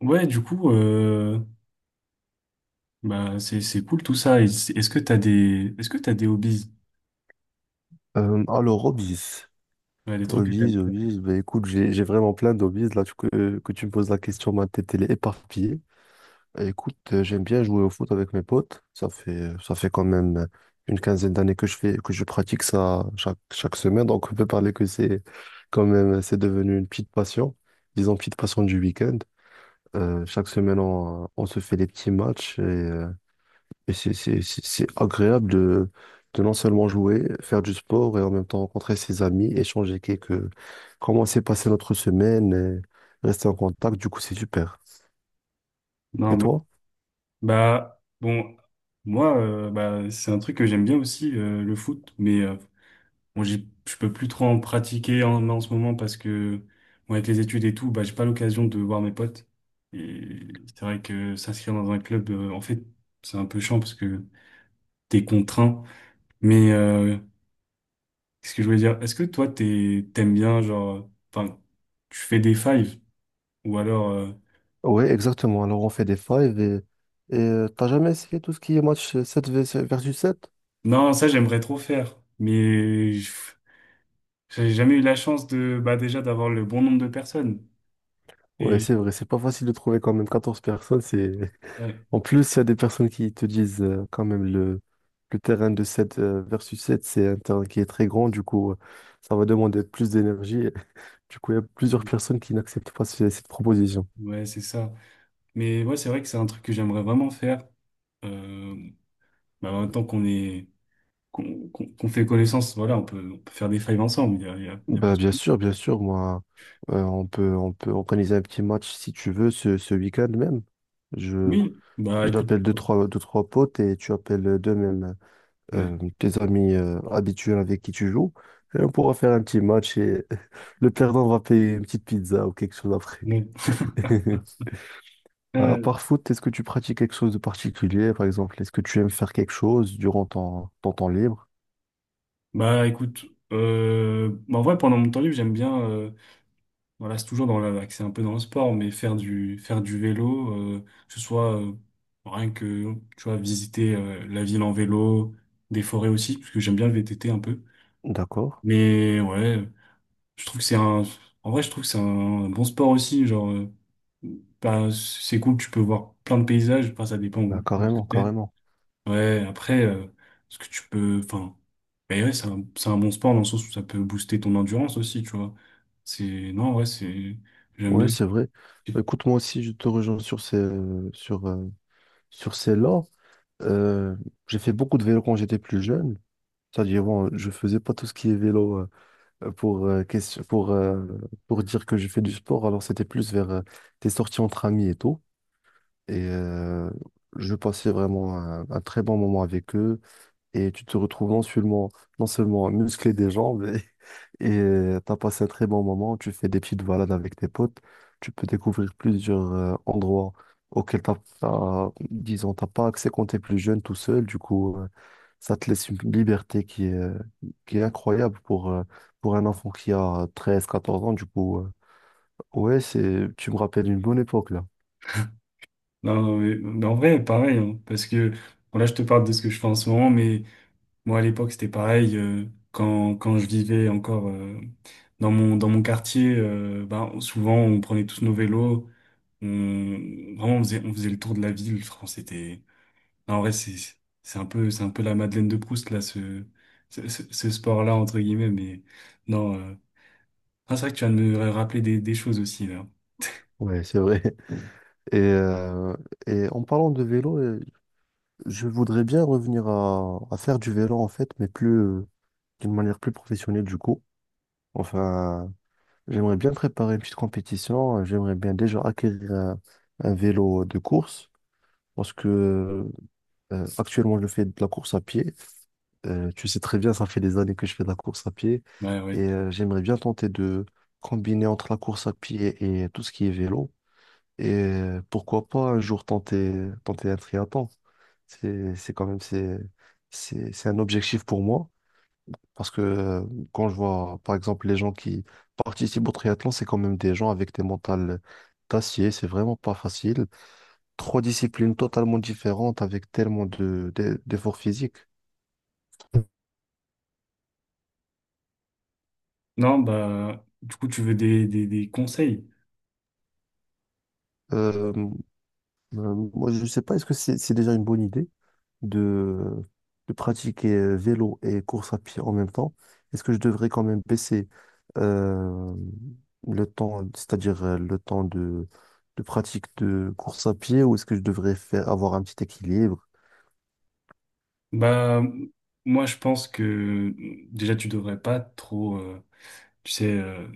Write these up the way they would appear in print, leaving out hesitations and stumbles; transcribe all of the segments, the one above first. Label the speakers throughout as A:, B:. A: Ouais, du coup, bah, c'est cool tout ça. Et est-ce que t'as des hobbies?
B: Alors, hobbies.
A: Ouais, des trucs que t'aimes
B: Hobbies,
A: faire.
B: hobbies. Bah, écoute, j'ai vraiment plein d'hobbies. Là, que tu me poses la question, ma tête, elle est éparpillée. Bah, écoute, j'aime bien jouer au foot avec mes potes. Ça fait quand même une quinzaine d'années que que je pratique ça chaque semaine. Donc, on peut parler que c'est devenu une petite passion. Disons, petite passion du week-end. Chaque semaine, on se fait des petits matchs et c'est agréable de non seulement jouer, faire du sport et en même temps rencontrer ses amis, échanger quelques, comment s'est passée notre semaine et rester en contact. Du coup, c'est super. Et
A: Non, bah,
B: toi?
A: bah, bon, moi, bah, c'est un truc que j'aime bien aussi, le foot. Mais, bon, je peux plus trop en pratiquer en ce moment parce que, bon, avec les études et tout, bah, j'ai pas l'occasion de voir mes potes. Et c'est vrai que s'inscrire dans un club, en fait, c'est un peu chiant parce que t'es contraint. Mais, qu'est-ce que je voulais dire? Est-ce que toi, t'aimes bien, genre, enfin, tu fais des fives ou alors,
B: Oui, exactement. Alors, on fait des fives et t'as jamais essayé tout ce qui est match 7 versus 7?
A: non, ça, j'aimerais trop faire, mais j'ai jamais eu la chance de, bah, déjà, d'avoir le bon nombre de personnes.
B: Ouais,
A: Et,
B: c'est vrai, c'est pas facile de trouver quand même 14 personnes, c'est
A: ouais,
B: en plus, il y a des personnes qui te disent, quand même le terrain de sept, versus sept, c'est un terrain qui est très grand, du coup, ça va demander plus d'énergie. Du coup, il y a plusieurs personnes qui n'acceptent pas cette proposition.
A: ouais, c'est ça. Mais ouais, c'est vrai que c'est un truc que j'aimerais vraiment faire. Euh, Bah, en même temps qu'on est, qu'on, qu'on qu'on fait connaissance, voilà, on peut faire des fives ensemble, il y a, il y a, il y a pas de
B: Bah,
A: souci.
B: bien sûr, moi, on peut organiser un petit match si tu veux ce week-end même. Je,
A: Oui, bah, écoute.
B: J'appelle deux, trois, deux, trois potes et tu appelles deux mêmes.
A: Ouais.
B: Tes amis, habituels avec qui tu joues. Et on pourra faire un petit match et le perdant va payer une petite pizza ou quelque chose après.
A: Ouais.
B: À
A: Ouais.
B: part foot, est-ce que tu pratiques quelque chose de particulier, par exemple? Est-ce que tu aimes faire quelque chose durant ton temps libre?
A: Bah écoute, bah, en vrai pendant mon temps libre j'aime bien, voilà, c'est toujours c'est un peu dans le sport, mais faire du vélo, euh, que ce soit, rien que, tu vois, visiter, la ville en vélo, des forêts aussi, parce que j'aime bien le VTT un peu.
B: D'accord.
A: Mais ouais, je trouve que c'est un, en vrai je trouve que c'est un bon sport aussi, genre, bah, c'est cool, tu peux voir plein de paysages, enfin ça dépend
B: Bah,
A: où ce que
B: carrément,
A: t'es.
B: carrément.
A: Ouais, après, ce que tu peux, enfin, mais ouais, c'est un bon sport dans le sens où ça peut booster ton endurance aussi, tu vois. Non, ouais, j'aime
B: Ouais,
A: bien.
B: c'est vrai. Bah, écoute, moi aussi, je te rejoins sur, euh, sur ces là. Euh, j'ai fait beaucoup de vélo quand j'étais plus jeune. C'est-à-dire, bon, je faisais pas tout ce qui est vélo, euh, pour, euh, question- pour, euh, pour dire que je fais du sport. Alors, c'était plus vers, des sorties entre amis et tout. Et je passais vraiment un très bon moment avec eux. Et tu te retrouves non seulement musclé des jambes, et t'as passé un très bon moment. Tu fais des petites balades avec tes potes. Tu peux découvrir plusieurs, endroits auxquels disons, t'as pas accès quand t'es plus jeune tout seul. Du coup, ça te laisse une liberté qui est incroyable pour un enfant qui a 13-14 ans. Du coup, ouais, tu me rappelles une bonne époque là.
A: Non, non, mais en vrai, pareil, hein, parce que, bon, là, je te parle de ce que je fais en ce moment, mais moi, à l'époque, c'était pareil, quand je vivais encore, dans mon quartier, ben, souvent, on prenait tous nos vélos, vraiment, on faisait le tour de la ville, franchement, c'était, en vrai, c'est un peu la Madeleine de Proust, là, ce sport-là, entre guillemets, mais non. Ah, c'est vrai que tu viens de me rappeler des choses aussi, là.
B: Ouais, c'est vrai. Et, euh, et en parlant de vélo, je voudrais bien revenir à faire du vélo en fait, mais plus, d'une manière plus professionnelle du coup. Enfin, j'aimerais bien préparer une petite compétition. J'aimerais bien déjà acquérir un vélo de course parce que, actuellement je fais de la course à pied. Tu sais très bien, ça fait des années que je fais de la course à pied
A: Ouais, ouais.
B: et j'aimerais bien tenter de combiner entre la course à pied et tout ce qui est vélo. Et pourquoi pas un jour tenter un triathlon. C'est quand même, c'est un objectif pour moi. Parce que, quand je vois, par exemple, les gens qui participent au triathlon, c'est quand même des gens avec des mentales d'acier. C'est vraiment pas facile. Trois disciplines totalement différentes avec tellement d'efforts physiques.
A: Non, bah, du coup, tu veux des conseils?
B: Euh, Moi, je sais pas, est-ce que c'est déjà une bonne idée? de, de pratiquer, vélo et course à pied en même temps, est-ce que je devrais quand même baisser, euh, le temps, c'est-à-dire, le temps de pratique de course à pied, ou est-ce que je devrais avoir un petit équilibre?
A: Bah, moi, je pense que déjà, tu devrais pas trop, tu sais,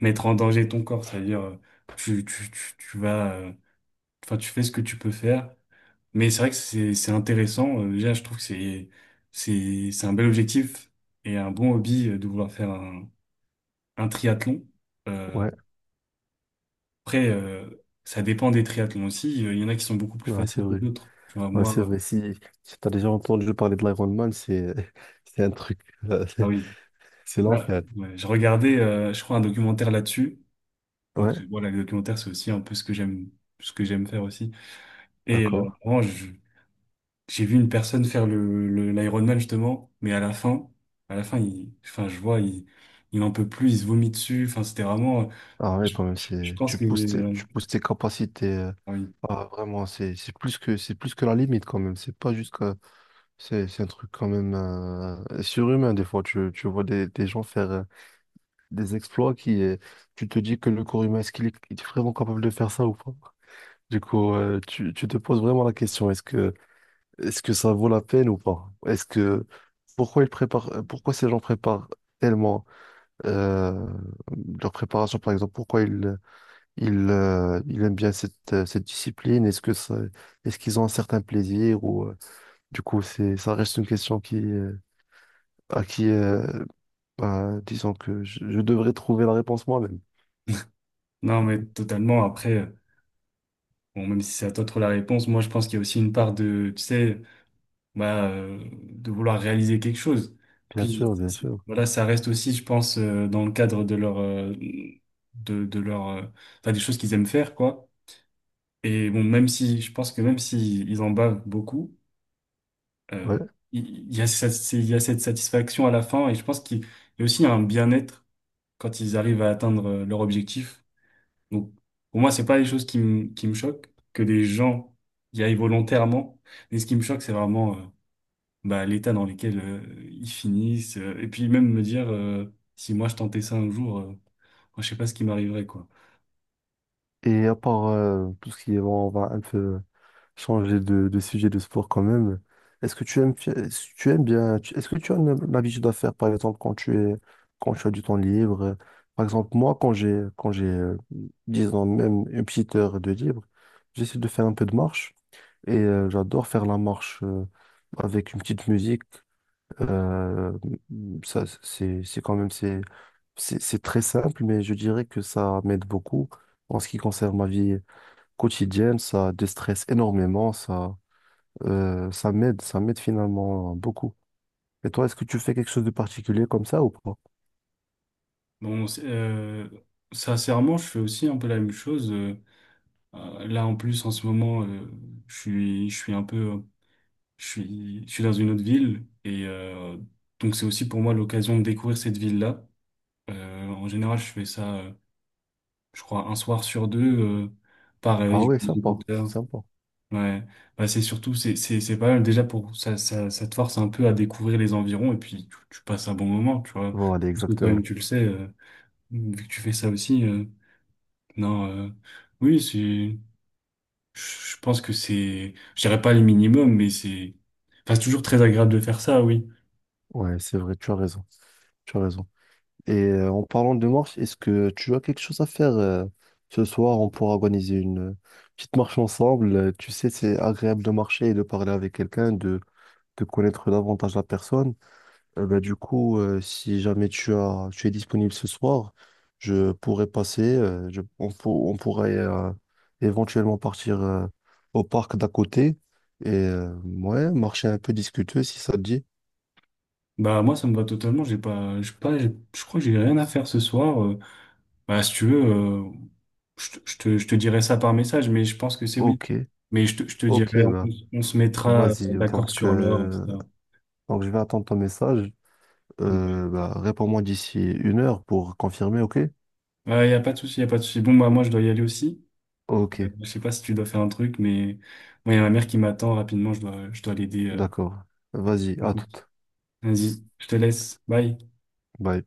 A: mettre en danger ton corps, c'est-à-dire, tu vas, enfin, tu fais ce que tu peux faire. Mais c'est vrai que c'est intéressant. Déjà, je trouve que c'est un bel objectif et un bon hobby, de vouloir faire un triathlon. Euh,
B: Ouais,
A: après, ça dépend des triathlons aussi. Il y en a qui sont beaucoup plus
B: ouais, c'est
A: faciles que
B: vrai.
A: d'autres. Tu vois,
B: Ouais,
A: moi,
B: c'est vrai. Si tu as déjà entendu parler de l'Ironman, c'est c'est un truc, euh,
A: ah oui,
B: c'est
A: bah,
B: l'enfer.
A: ouais, je regardais, je crois, un documentaire là-dessus. Donc
B: Ouais,
A: voilà, les documentaires, c'est aussi un peu ce que j'aime, faire aussi. Et,
B: d'accord.
A: vraiment, j'ai vu une personne faire l'Ironman justement, mais à la fin, enfin, je vois, il en peut plus, il se vomit dessus. Enfin, c'était vraiment,
B: Ah ouais,
A: je,
B: quand même,
A: je, je pense que,
B: tu pousses tes capacités.
A: ah oui.
B: Ah, vraiment, c'est plus que la limite quand même. C'est pas juste que, c'est un truc quand même, surhumain. Des fois, tu vois des gens faire, des exploits qui, tu te dis que le corps humain, est-ce qu'il est vraiment capable de faire ça ou pas? Du coup, tu te poses vraiment la question, est-ce que ça vaut la peine ou pas? Pourquoi ces gens préparent tellement, euh, leur préparation, par exemple, pourquoi ils aiment bien cette discipline. Est-ce qu'ils ont un certain plaisir ou, du coup c'est ça reste une question qui à qui, bah, disons que je devrais trouver la réponse moi-même.
A: Non, mais totalement. Après, bon, même si c'est à toi de trouver la réponse, moi, je pense qu'il y a aussi une part tu sais, bah, de vouloir réaliser quelque chose.
B: Bien
A: Puis,
B: sûr, bien sûr.
A: voilà, ça reste aussi, je pense, dans le cadre de leur, de leur, enfin, des choses qu'ils aiment faire, quoi. Et bon, même si, je pense que même s'ils ils en bavent beaucoup.
B: Ouais.
A: euh, il y a cette, c'est- il y a cette satisfaction à la fin, et je pense qu'il y a aussi un bien-être quand ils arrivent à atteindre, leur objectif. Donc, pour moi, c'est pas les choses qui me choquent, que des gens y aillent volontairement. Mais ce qui me choque, c'est vraiment, bah, l'état dans lequel, ils finissent. Et puis même me dire, si moi je tentais ça un jour, moi, je sais pas ce qui m'arriverait, quoi.
B: Et à part, tout ce qui est bon, on va un peu changer de sujet de sport quand même. Est-ce que tu as l'habitude à faire, par exemple, quand tu as du temps libre? Par exemple, moi, quand j'ai, disons, même une petite heure de libre, j'essaie de faire un peu de marche et j'adore faire la marche, avec une petite musique. Euh, ça, c'est, c'est quand même, c'est, c'est très simple, mais je dirais que ça m'aide beaucoup en ce qui concerne ma vie quotidienne. Ça déstresse énormément, ça. Ça m'aide finalement, hein, beaucoup. Et toi, est-ce que tu fais quelque chose de particulier comme ça ou pas?
A: Bon, sincèrement, je fais aussi un peu la même chose. Là, en plus, en ce moment, je suis, je suis un peu je suis dans une autre ville, et donc c'est aussi pour moi l'occasion de découvrir cette ville-là. En général, je fais ça, je crois, un soir sur deux. Pareil,
B: Ah
A: je
B: ouais,
A: mets mes
B: sympa,
A: écouteurs.
B: sympa.
A: Ouais, bah, c'est surtout, c'est pas mal déjà pour ça te force un peu à découvrir les environs, et puis tu passes un bon moment, tu vois.
B: Voilà,
A: Parce que toi-même,
B: exactement.
A: tu le sais, vu que tu fais ça aussi. Non, oui, je pense que c'est, je dirais pas les minimums, mais enfin, c'est toujours très agréable de faire ça, oui.
B: Ouais, c'est vrai, tu as raison, tu as raison. Et en parlant de marche, est-ce que tu as quelque chose à faire, ce soir? On pourra organiser une, petite marche ensemble. Tu sais, c'est agréable de marcher et de parler avec quelqu'un, de connaître davantage la personne. Bah, du coup, si jamais tu es disponible ce soir, je pourrais passer. On pourrait, éventuellement partir, au parc d'à côté et ouais, marcher un peu, discuter si ça te dit.
A: Bah moi ça me va totalement, j'ai pas, je pas, j'ai- je crois que j'ai rien à faire ce soir. Bah si tu veux, je te dirai ça par message, mais je pense que c'est oui.
B: Ok,
A: Mais je te
B: ok,
A: dirai, on,
B: bah,
A: on se mettra,
B: vas-y.
A: d'accord
B: Donc,
A: sur l'heure,
B: euh,
A: etc.
B: donc, je vais attendre ton message.
A: Ouais.
B: Bah, réponds-moi d'ici une heure pour confirmer, ok?
A: Ouais, y a pas de souci, y a pas de souci. Bon bah moi je dois y aller aussi.
B: Ok,
A: Je sais pas si tu dois faire un truc, mais moi y a ma mère qui m'attend rapidement, je dois l'aider.
B: d'accord. Vas-y,
A: Du
B: à
A: coup,
B: toute.
A: vas-y, je te laisse, bye.
B: Bye.